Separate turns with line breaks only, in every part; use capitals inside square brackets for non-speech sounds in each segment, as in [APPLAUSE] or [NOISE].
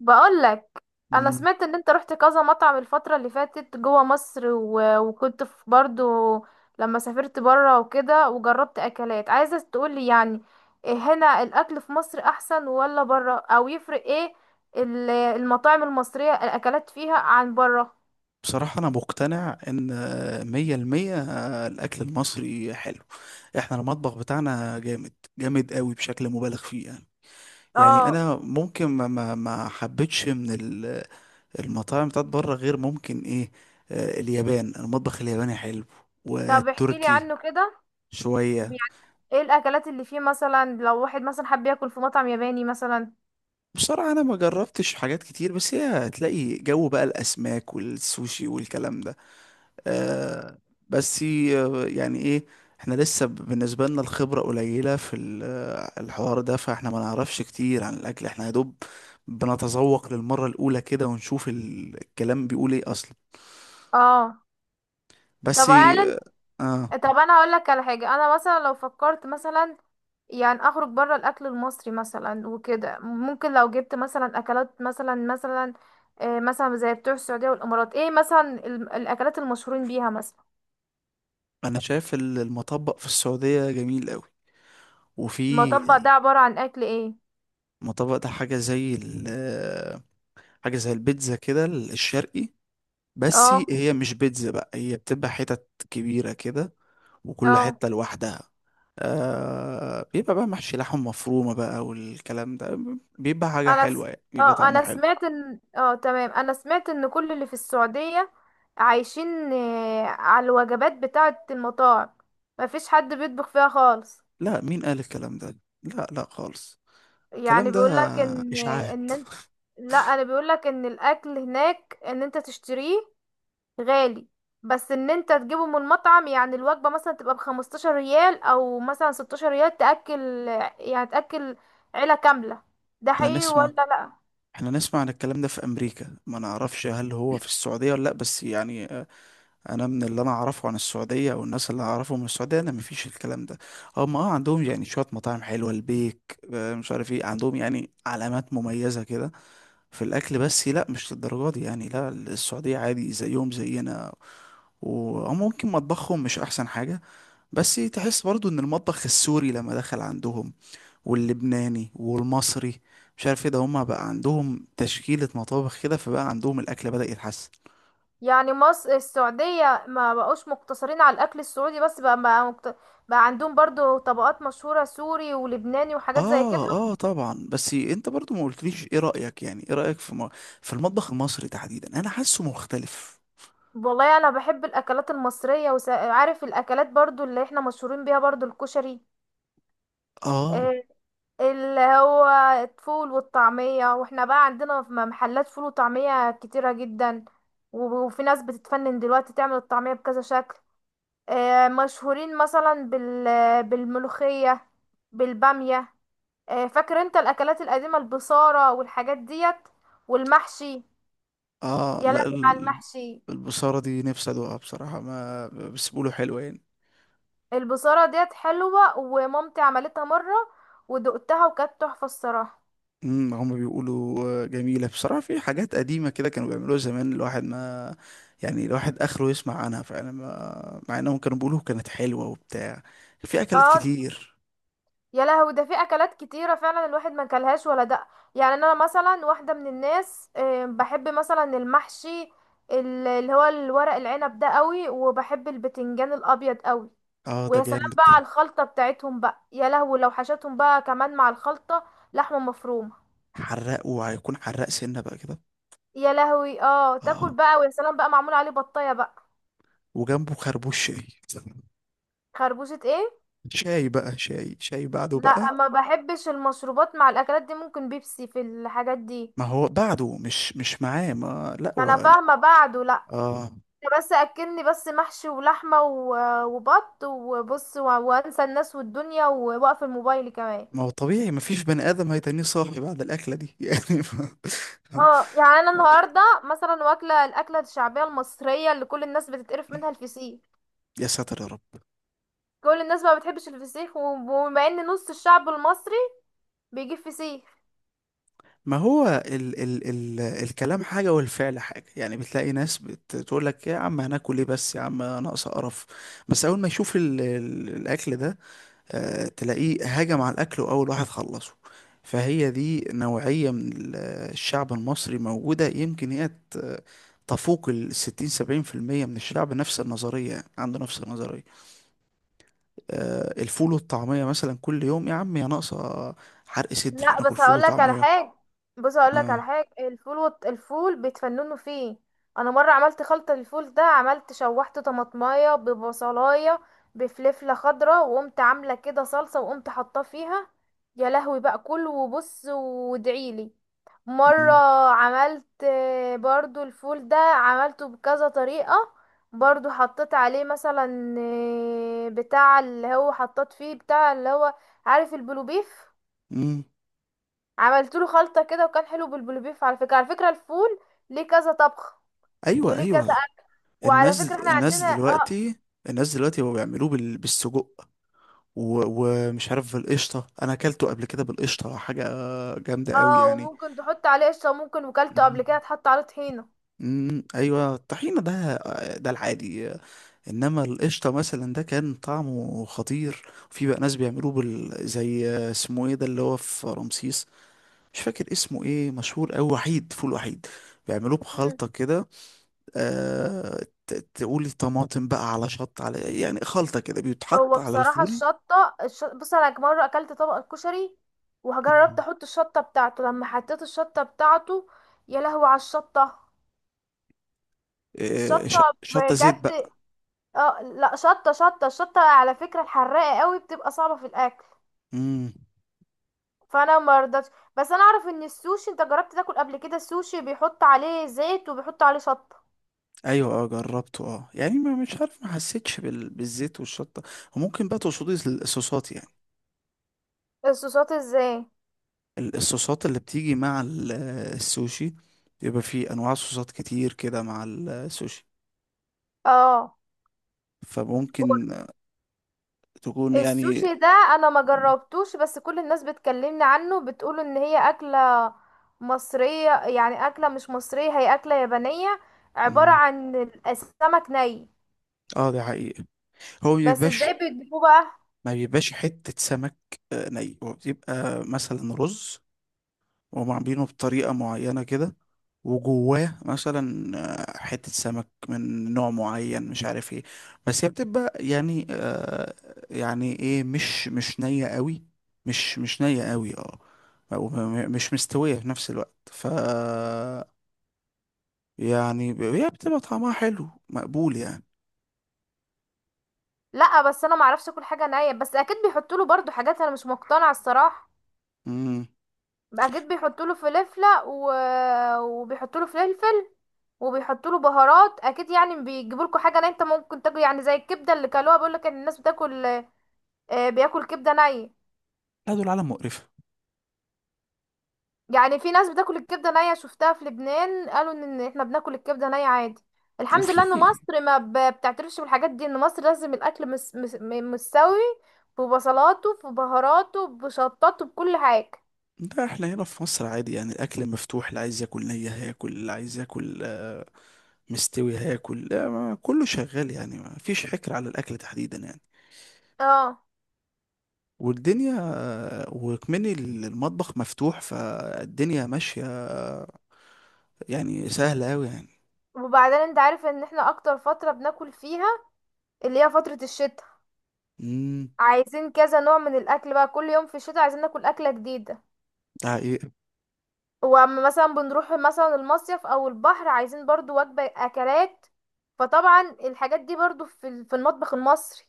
بقولك، انا
مم.
سمعت ان انت رحت كذا مطعم الفترة اللي فاتت جوه مصر وكنت في برضو لما سافرت برا وكده وجربت اكلات، عايزة تقولي يعني إيه؟ هنا الاكل في مصر احسن ولا برا؟ او يفرق ايه المطاعم المصرية الاكلات فيها عن برا؟
بصراحة أنا مقتنع إن مية المية الأكل المصري حلو. إحنا المطبخ بتاعنا جامد جامد قوي بشكل مبالغ فيه يعني. يعني
اه،
أنا ممكن ما حبيتش من المطاعم بتاعت بره غير ممكن إيه. اليابان، المطبخ الياباني حلو،
طب احكيلي
والتركي
عنه كده
شوية.
يعني. ايه الاكلات اللي فيه مثلا لو واحد مثلا حب ياكل في مطعم ياباني مثلا؟
بصراحة أنا ما جربتش حاجات كتير، بس هي هتلاقي جو بقى الأسماك والسوشي والكلام ده. آه، بس يعني ايه، احنا لسه بالنسبة لنا الخبرة قليلة في الحوار ده، فاحنا ما نعرفش كتير عن الأكل. احنا يا دوب بنتذوق للمرة الأولى كده، ونشوف الكلام بيقول ايه أصلا.
اه،
بس
طب هل
آه،
طب انا هقول لك على حاجه، انا مثلا لو فكرت مثلا يعني اخرج بره الاكل المصري مثلا وكده، ممكن لو جبت مثلا اكلات مثلا مثلا زي بتوع السعوديه والامارات، ايه مثلا الاكلات المشهورين بيها مثلا؟
أنا شايف المطبق في السعودية جميل قوي. وفي
المطبق ده عباره عن اكل ايه؟
مطبق، ده حاجة زي البيتزا كده الشرقي، بس
اه
هي مش بيتزا بقى، هي بتبقى حتت كبيرة كده وكل
اه.
حتة لوحدها. آه، بيبقى بقى محشي لحم مفرومة بقى والكلام ده، بيبقى حاجة
انا س...
حلوة يعني، بيبقى
اه
طعمه
انا
حلو.
سمعت ان تمام، انا سمعت ان كل اللي في السعوديه عايشين على الوجبات بتاعه المطاعم، مفيش حد بيطبخ فيها خالص.
لا، مين قال الكلام ده؟ لا، لا خالص.
يعني
الكلام ده
بيقولك ان
إشاعات.
لا، انا بيقولك ان الاكل هناك ان انت تشتريه غالي، بس ان انت تجيبه من مطعم، يعني الوجبة مثلا تبقى بخمستاشر ريال او مثلا ستاشر ريال تأكل، يعني تأكل عيلة كاملة. ده
احنا
حقيقي
نسمع
ولا لا؟
احنا نسمع عن الكلام ده في أمريكا، ما نعرفش هل هو في السعودية ولا لا، بس يعني أنا من اللي أنا أعرفه عن السعودية أو الناس اللي أعرفهم من السعودية، أنا مفيش الكلام ده. هم عندهم يعني شوية مطاعم حلوة، البيك، مش عارف ايه، عندهم يعني علامات مميزة كده في الاكل، بس لا مش للدرجه دي يعني. لا، السعوديه عادي، زيهم زينا. وممكن مطبخهم مش احسن حاجة، بس تحس برضو ان المطبخ السوري لما دخل عندهم واللبناني والمصري، مش عارف ايه ده، هما بقى عندهم تشكيلة مطابخ كده، فبقى عندهم الاكل بدأ يتحسن.
يعني مصر السعودية ما بقوش مقتصرين على الاكل السعودي بس، بقى عندهم برضو طبقات مشهورة سوري ولبناني وحاجات زي كده.
اه اه طبعا، بس انت برضو ما قلتليش ايه رأيك، يعني ايه رأيك في في المطبخ المصري تحديدا، انا حاسه مختلف.
والله انا بحب الاكلات المصريه، وعارف الاكلات برضو اللي احنا مشهورين بيها، برضو الكشري،
اه،
آه، اللي هو الفول والطعميه، واحنا بقى عندنا في محلات فول وطعميه كتيره جدا، وفي ناس بتتفنن دلوقتي تعمل الطعميه بكذا شكل. مشهورين مثلا بال بالملوخيه، بالباميه، فاكر انت الاكلات القديمه؟ البصاره والحاجات ديت والمحشي.
اه،
يا
لا.
لهوي على المحشي!
البصارة دي نفسي ادوقها بصراحة، ما بس بيقولوا حلوة يعني.
البصارة ديت حلوة ومامتي عملتها مرة ودقتها وكانت تحفة الصراحة.
هم بيقولوا جميلة بصراحة. في حاجات قديمة كده كانوا بيعملوها زمان الواحد ما، يعني الواحد اخره يسمع عنها فعلا، ما مع انهم كانوا بيقولوا كانت حلوة وبتاع. في اكلات
اه،
كتير.
يا لهوي، ده في اكلات كتيرة فعلا الواحد ما كلهاش ولا دق. يعني انا مثلا واحدة من الناس بحب مثلا المحشي، اللي هو الورق العنب ده قوي، وبحب البتنجان الابيض قوي.
اه، ده
ويا سلام
جامد
بقى
ده.
على الخلطة بتاعتهم بقى! يا لهوي لو حشتهم بقى كمان مع الخلطة لحمة مفرومة!
حراق، وهيكون حراق سنة بقى كده.
يا لهوي، اه،
اه،
تاكل بقى، ويا سلام بقى معمول عليه بطاية بقى.
وجنبه خربوش شاي.
خربوشة ايه؟
شاي بقى، شاي بعده بقى.
لا ما بحبش المشروبات مع الاكلات دي، ممكن بيبسي في الحاجات دي.
ما هو بعده مش معاه، ما لا
فانا
هو.
فاهمه، بعده لا.
اه،
أنت بس اكلني بس محشي ولحمه وبط وبص وانسى الناس والدنيا، واقف الموبايل كمان.
ما هو طبيعي، مفيش بني آدم هيتنيه صاحي بعد الأكلة دي [LAUGHS] يعني
اه، يعني انا النهارده مثلا واكله الاكله الشعبيه المصريه اللي كل الناس بتتقرف منها، الفسيخ.
يا ساتر يا رب.
كل الناس ما بتحبش الفسيخ، وبما ان نص الشعب المصري بيجيب فسيخ.
ما هو ال الكلام حاجة والفعل حاجة، يعني بتلاقي ناس بتقول لك يا عم هناكل ايه بس يا عم ناقص قرف، بس أول ما يشوف ال الأكل ده، آه تلاقيه هاجم على الأكل وأول واحد خلصه. فهي دي نوعية من الشعب المصري موجودة، يمكن هي تفوق 60-70% من الشعب، نفس النظرية يعني، عنده نفس النظرية. الفول والطعمية مثلا كل يوم يا عم، يا ناقصة، حرق صدر
لا
انا اكل
بس
فول
هقول لك على
وطعمية.
حاجه، بص هقول لك
اه.
على حاجه. الفول بيتفننوا فيه. انا مره عملت خلطه الفول ده، عملت شوحت طماطمايه ببصلايه بفلفله خضراء، وقمت عامله كده صلصه وقمت حاطاه فيها. يا لهوي بقى! كل وبص وادعيلي. مره
مم.
عملت برضو الفول ده عملته بكذا طريقه. برضو حطيت عليه مثلا، بتاع اللي هو، حطيت فيه بتاع اللي هو، عارف البلوبيف؟
مم.
عملت له خلطه كده وكان حلو بالبلوبيف. على فكره، على فكره الفول ليه كذا طبخ
ايوه،
وليه كذا
ايوه،
أكل. وعلى
الناس
فكره احنا
الناس
عندنا اه.
دلوقتي، الناس دلوقتي بقوا بيعملوه بالسجق، ومش عارف بالقشطة. انا اكلته قبل كده بالقشطة، حاجة جامدة قوي
اه،
يعني.
وممكن تحط عليه قشطه، وممكن وكلته قبل
مم.
كده تحط عليه طحينه.
مم. ايوه، الطحينة ده العادي، انما القشطة مثلا ده كان طعمه خطير. في بقى ناس بيعملوه زي اسمه ايه ده اللي هو في رمسيس، مش فاكر اسمه ايه، مشهور أوي، وحيد فول وحيد، بيعملوه
مم.
بخلطة كده. تقولي طماطم بقى على على يعني خلطة كده بيتحط
هو
على
بصراحه
الفول.
بص، انا مره اكلت طبق الكشري وجربت
مم.
احط الشطه بتاعته، لما حطيت الشطه بتاعته يا لهوي على الشطه! الشطه،
شطة زيت
بجد،
بقى.
اه. لا شطه الشطه على فكره الحراقه قوي، بتبقى صعبه في الاكل،
امم.
فانا مرضتش. بس انا اعرف ان السوشي، انت جربت تاكل قبل كده السوشي؟ بيحط عليه زيت، وبيحط عليه شطة.
ايوه اه جربته، اه يعني ما مش عارف، ما حسيتش بالزيت والشطة. وممكن بقى تقصدي الصوصات يعني،
الصوصات ازاي؟
الصوصات اللي بتيجي مع السوشي، بيبقى فيه انواع صوصات كتير كده مع السوشي،
اه،
فممكن تكون يعني.
السوشي ده انا ما جربتوش، بس كل الناس بتكلمني عنه بتقول ان هي اكلة مصرية، يعني اكلة مش مصرية، هي اكلة يابانية، عبارة عن السمك ني.
اه، ده حقيقي. هو
بس
بيبقاش،
ازاي بيجيبوه بقى؟
ما بيبقاش حتة سمك ني. هو بيبقى مثلا رز وهم عاملينه بطريقة معينة كده، وجواه مثلا حتة سمك من نوع معين مش عارف ايه، بس هي بتبقى يعني آه، يعني ايه، مش نية قوي، مش نية قوي اه، أو مش مستوية في نفس الوقت، يعني هي بتبقى طعمها حلو مقبول يعني.
لا بس انا ما اعرفش اكل حاجة نية، بس اكيد بيحطوا له برضو حاجات، انا مش مقتنعة الصراحة.
امم.
بقى جيت بيحطوا له وبيحطوا له فلفل وبيحطوا له بهارات اكيد، يعني بيجيبوا لكم حاجه نيه انت ممكن تاكل. يعني زي الكبده اللي كلوها، بيقول لك ان الناس بتاكل، بياكل كبده نيه.
لا، دول عالم مقرفة.
يعني في ناس بتاكل الكبده نيه، شفتها في لبنان، قالوا ان إن احنا بناكل الكبده نيه عادي. الحمد لله ان
وفي،
مصر ما ب- بتعترفش بالحاجات دي، ان مصر لازم الاكل مستوي، ببصلاته، ببهاراته، بشطاته، بكل حاجه.
ده احنا هنا في مصر عادي يعني، الاكل مفتوح، اللي عايز ياكل نية هياكل، اللي عايز ياكل مستوي هياكل. لا، كله شغال يعني، ما فيش حكر على الاكل تحديدا يعني.
اه،
والدنيا، وكمان المطبخ مفتوح، فالدنيا ماشية، يعني سهلة أوي يعني.
وبعدين انت عارف ان احنا اكتر فتره بناكل فيها، اللي هي فترة الشتاء،
امم.
عايزين كذا نوع من الأكل بقى، كل يوم في الشتاء عايزين ناكل أكلة جديدة.
ده حقيقة.
وأما مثلا بنروح مثلا المصيف أو البحر، عايزين برضو وجبة أكلات، فطبعا الحاجات دي برضو في في المطبخ المصري.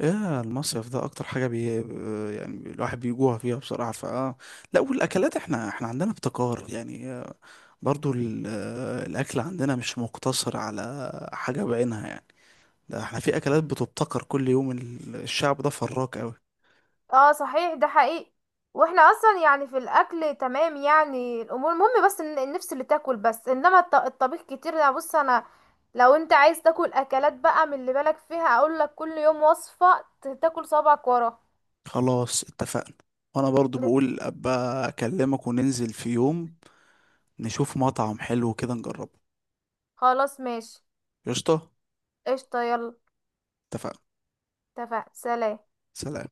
ايه المصيف ده، اكتر حاجة بي يعني الواحد بيجوع فيها بصراحة، فاه. لا، والاكلات احنا عندنا ابتكار يعني. برضو الاكل عندنا مش مقتصر على حاجة بعينها يعني. ده احنا في اكلات بتبتكر كل يوم، الشعب ده فراك قوي.
اه صحيح، ده حقيقي. واحنا اصلا يعني في الاكل تمام يعني، الامور المهم بس ان النفس اللي تاكل، بس انما الطبيخ كتير. انا بص، انا لو انت عايز تاكل اكلات بقى من اللي بالك فيها، اقول لك كل يوم وصفة تاكل صابعك ورا.
خلاص اتفقنا. وانا برضو بقول ابقى اكلمك وننزل في يوم، نشوف مطعم حلو كده نجربه.
خلاص، ماشي.
قشطة.
قشطة، يلا.
اتفقنا،
اتفق، سلام.
سلام.